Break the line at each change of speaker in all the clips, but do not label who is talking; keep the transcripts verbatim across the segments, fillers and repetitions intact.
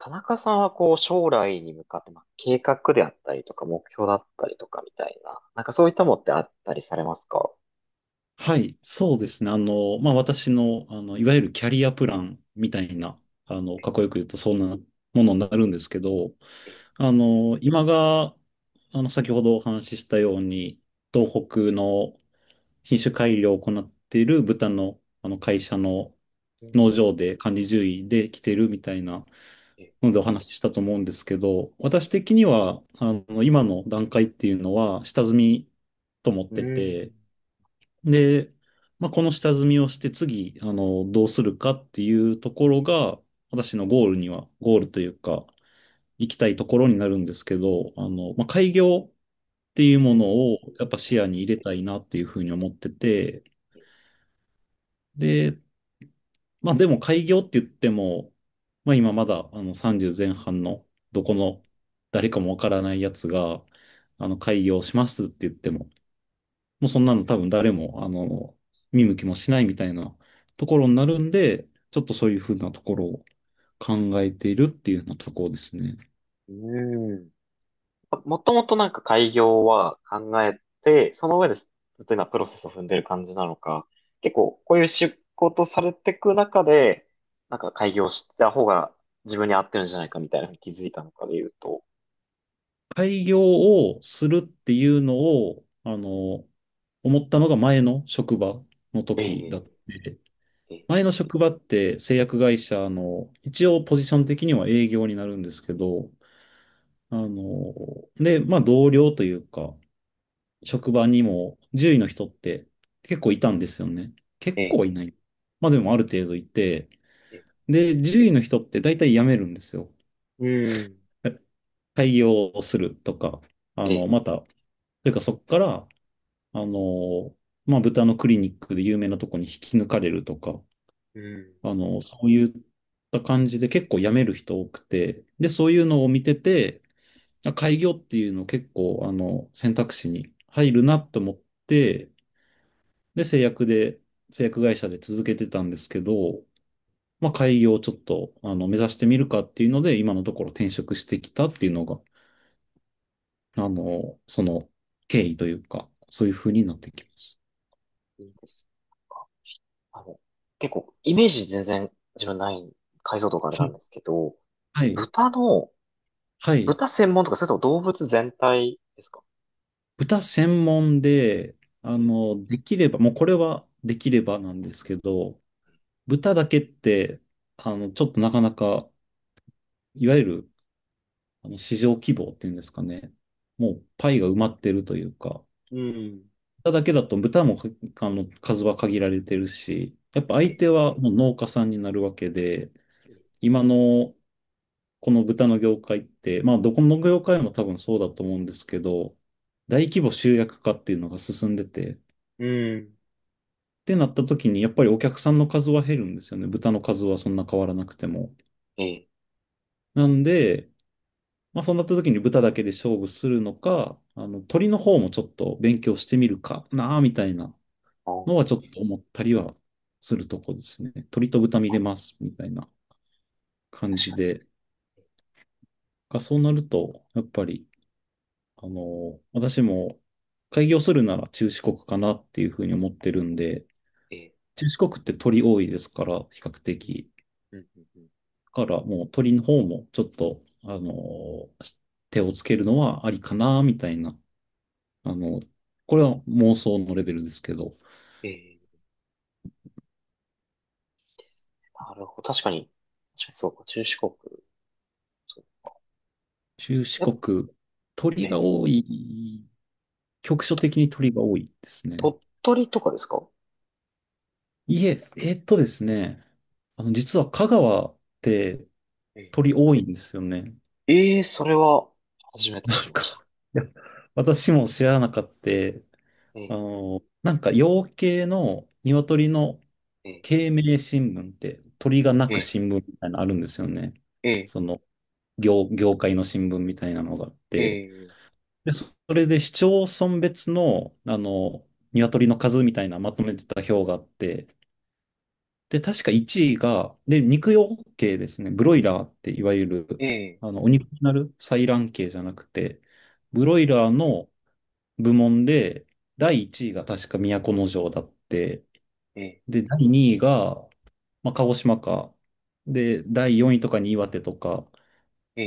田中さんはこう将来に向かって、まあ、計画であったりとか目標だったりとかみたいな、なんかそういったものってあったりされますか？
はい、そうですね。あの、まあ、私の、あの、いわゆるキャリアプランみたいな、あの、かっこよく言うと、そんなものになるんですけど、
え、え。
あの、今が、あの、先ほどお話ししたように、東北の品種改良を行っている豚の、あの、会社の
うん、
農場で管理獣医で来てるみたいな
え、
のでお話ししたと思うんですけど、私的には、あの、今の段階っていうのは、下積みと思っ
う
てて、
ん、
で、まあ、この下積みをして次、あの、どうするかっていうところが、私のゴールには、ゴールというか、行きたいところになるんですけど、あの、まあ、開業っていう
う
もの
ん、
をやっぱ視
え、
野に入れたいなっていうふうに思ってて、で、まあ、でも開業って言っても、まあ、今まだ、あの、さんじゅう前半の、どこの誰かもわからないやつが、あの、開業しますって言っても、もうそんなの多分誰も、あの、見向きもしないみたいなところになるんで、ちょっとそういうふうなところを考えているっていうようなところですね。
うん。あ、もともとなんか開業は考えて、その上でずっと今プロセスを踏んでる感じなのか、結構こういう仕事されていく中で、なんか開業した方が自分に合ってるんじゃないかみたいなのに気づいたのかで言うと？
開業をするっていうのを、あの、思ったのが前の職場の時
え
だって、
え、え、
前の職場って製薬会社の、一応ポジション的には営業になるんですけど、あの、で、まあ同僚というか、職場にも獣医の人って結構いたんですよね。結構
え、
はいない。まあでもある程度いて、
え、え、
で、獣医の人って大体辞めるんですよ。
うん。
開業をするとか、あ
え
の、
え。
また、というかそこから、あの、まあ豚のクリニックで有名なとこに引き抜かれるとか、
うん、
あの、そういった感じで結構辞める人多くて、で、そういうのを見てて、あ開業っていうの結構、あの、選択肢に入るなと思って、で、製薬で、製薬会社で続けてたんですけど、まあ、開業をちょっと、あの、目指してみるかっていうので、今のところ転職してきたっていうのが、あの、その経緯というか、そういう
う
風になっ
ん、
てきます。
いいですか。あの、結構、イメージ全然自分ない、解像度があれ
は
なん
い。
ですけど、
はい。
豚の、
はい。
豚専門とか、それとも動物全体ですか？
豚専門で、あ
ええ。
の、できれば、もうこれはできればなんですけど、豚だけって、あの、ちょっとなかなか、いわゆる、あの、市場規模っていうんですかね。もう、パイが埋まってるというか、
うん。
豚だけだと豚もかあの数は限られてるし、やっぱ相
え、
手はもう農家さんになるわけで、
ええ。
今のこの豚の業界って、まあどこの業界も多分そうだと思うんですけど、大規模集約化っていうのが進んでて、っ
うん。
てなった時にやっぱりお客さんの数は減るんですよね。豚の数はそんな変わらなくても。
ええ、
なんで、まあそうなった時に豚だけで勝負するのか、あの鳥の方もちょっと勉強してみるかなあみたいな
ああ、
のはちょっと思ったりはするとこですね。鳥と豚見れますみたいな感
確
じ
かに、
で。がそうなると、やっぱり、あの、私も開業するなら中四国かなっていうふうに思ってるんで、
ええ、
中四国って鳥多いですから、比較
うん。
的。
うん。うん。うん。
だからもう鳥の方もちょっと、あの、手をつけるのはありかな、みたいな。あの、これは妄想のレベルですけど、
ええ、いいですね。なるほど、確かに、確かにそうか、中四国、そう。
中四
やっ、
国、
え
鳥が
え、
多い、局所的に鳥が多いですね。
鳥取とかですか？
いえ、えーっとですね、あの、実は香川って
ええ、
鳥多いんですよね。
ええ、それは、初め て知
な
り
ん
ました。
か、いや私も知らなかった。
え
あ
え、
の、なんか養鶏の鶏の
え、え、
鶏鳴新聞って鳥が鳴く
え、
新聞みたいなのあるんですよね。
え、
その業、業界の新聞みたいなのがあっ
え、
て。
え、
で、そそれで市町村別の、あの、鶏の数みたいなまとめてた表があって、で、確かいちいが、で、肉用系ですね。ブロイラーっていわゆる、
え、
あの、お肉になる採卵系じゃなくて、ブ
え、
ロイラーの部門で、だいいちいが確か都城だって、で、だいにいが、まあ、鹿児島か、で、だいよんいとかに岩手とか、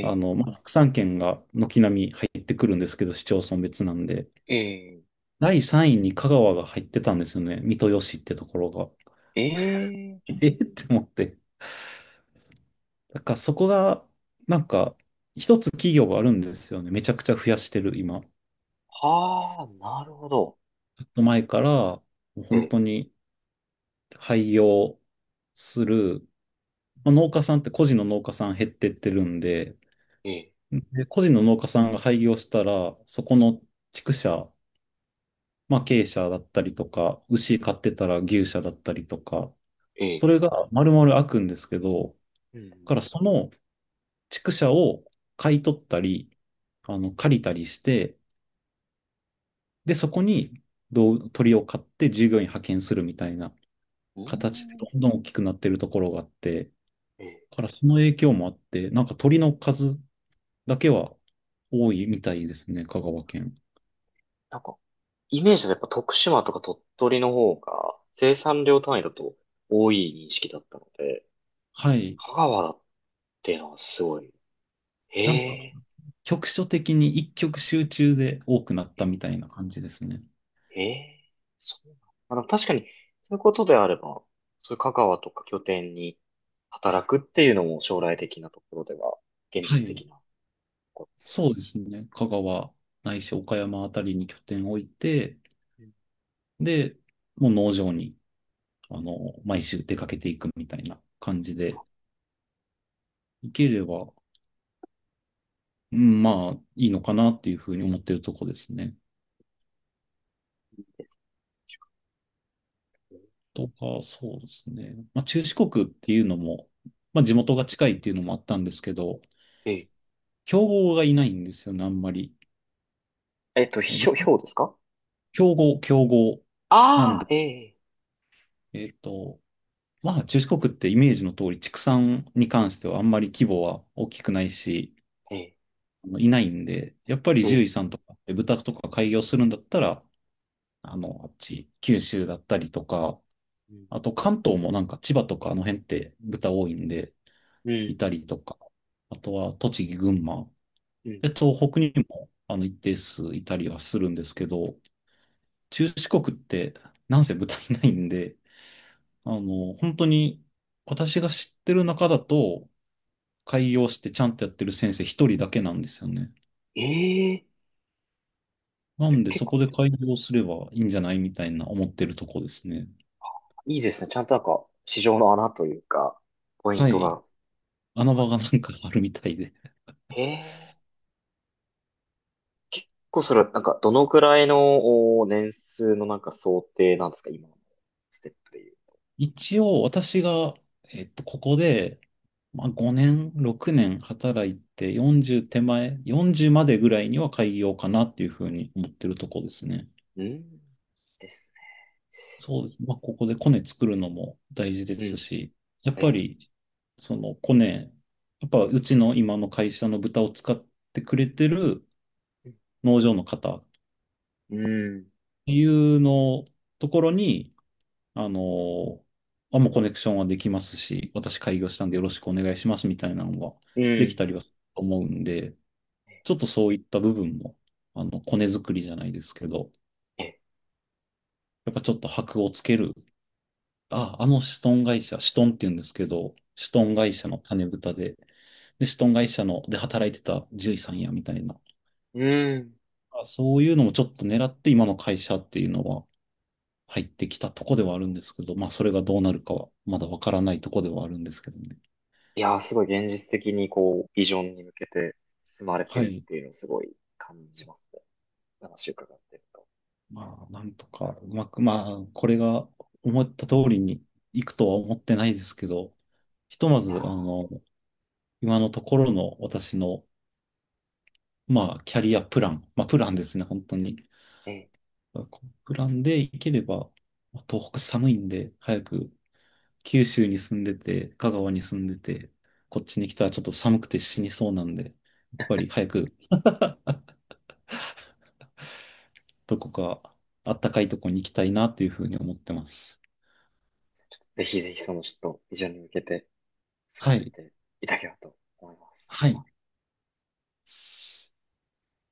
あの、まあ、副産県が軒並み入ってくるんですけど、市町村別なんで、
え、え、
だいさんいに香川が入ってたんですよね。三豊市ってところが。
え、
えーって思って。だからそこが、なんか、一つ企業があるんですよね。めちゃくちゃ増やしてる、今。ちょ
はあ、なるほど。
っと前から、もう本
え、
当に廃業する、まあ、農家さんって個人の農家さん減ってってるんで、
え、
で個人の農家さんが廃業したら、そこの畜舎、まあ鶏舎だったりとか、牛飼ってたら牛舎だったりとか、
え、
それが丸々開くんですけど、だ
うん、
からその畜舎を買い取ったり、あの、借りたりして、で、そこにどう鳥を買って従業員派遣するみたいな
う
形で
ん、
どんどん大きくなってるところがあって、
え、
だからその影響もあって、なんか鳥の数だけは多いみたいですね、香川県。
なんか、イメージだとやっぱ徳島とか鳥取の方が生産量単位だと多い認識だったので、
はい。
香川だっていうのはすごい。
なんか
え
局所的に一極集中で多くなっ
え、
たみたいな感じですね。
ええー、そうなん。まあ、でも確かに、そういうことであれば、そういう香川とか拠点に働くっていうのも将来的なところでは、現
は
実
い。
的なことです
そうですね。香川ないし岡山あたりに拠点を置いて、
よ。うん、
で、もう農場に、
う
あ
ん、
の、毎週出かけていくみたいな感じで、行ければうん、まあ、いいのかなっていうふうに思ってるとこですね。とか、そうですね。まあ、中四国っていうのも、ま
う
あ、
ん、
地元が近いっていうのもあったんですけど、
ええ、
競合がいないんですよね、あんまり。
えっと、ひょ、ひょうですか
競合、競合。なん
ああ、
で、
ええ、
えっと、まあ、中四国ってイメージの通り、畜産に関してはあんまり規模は大きくないし、
ええ、
あのいないんで、やっぱり
え
獣
え、
医さんとかって豚とか開業するんだったら、あの、あっち、九州だったりとか、
うん、
あと関東もなんか千葉とかあの辺って豚多いんで、
う
い
ん、
たりとか、あとは栃木、群馬、
うん、うん。
で、東北にもあの一定数いたりはするんですけど、中四国ってなんせ豚いないんで、あの、本当に私が知ってる中だと、開業してちゃんとやってる先生一人だけなんですよね。
ええ、
な
じゃ
んで
結
そ
構
こで開業すればいいんじゃないみたいな思ってるとこですね。
いいですね。ちゃんとなんか、市場の穴というか、ポイン
は
ト
い。
が
穴
あ
場
る。
がなんかあるみたいで。
へえ。結構それはなんかどのくらいのお年数のなんか想定なんですか今のステップで
一応私が、えっと、ここで、まあ、ごねん、ろくねん働いてよんじゅう手前、よんじゅうまでぐらいには開業かなっていうふうに思ってるとこですね。
言う。うん。です
そうです。まあ、ここでコネ作るのも大事で
ね。う
す
ん。
し、やっ
え
ぱ
え。
り、そのコネ、やっぱうちの今の会社の豚を使ってくれてる農場の方っ
うん。
ていうのところに、あの、あ、もうコネクションはできますし、私開業したんでよろしくお願いしますみたいなのが
う
でき
ん。
たりはすると思うんで、ちょっとそういった部分も、あの、コネ作りじゃないですけど、
ええ。
やっぱちょっと箔をつける。あ、あのシトン会社、シトンって言うんですけど、シト
え
ン
え。
会社の種豚で、で、シトン会社ので働いてた獣医さんやみたいな、
うん。
あそういうのもちょっと狙って今の会社っていうのは入ってきたとこではあるんですけど、まあそれがどうなるかはまだわからないとこではあるんですけどね。
いやー、すごい現実的にこう、ビジョンに向けて進まれて
は
るっ
い。
ていうのをすごい感じますね。話を伺ってると。
まあ、なんとか、うまく、まあ、これが思った通りにいくとは思ってないですけど、ひとま
い
ず、
や
あの、今のところの私の、まあ、キャリアプラン、まあ、プランですね、本当に。
ー、ええ。
このプランでいければ、まあ東北寒いんで、早く九州に住んでて、香川に住んでて、こっちに来たらちょっと寒くて死にそうなんで、やっぱり早くどこか暖かいとこに行きたいなというふうに思ってます。
ぜひぜひそのちょっとビジョンに向けて進
は
まれ
い。
ていただければと思います。
はい。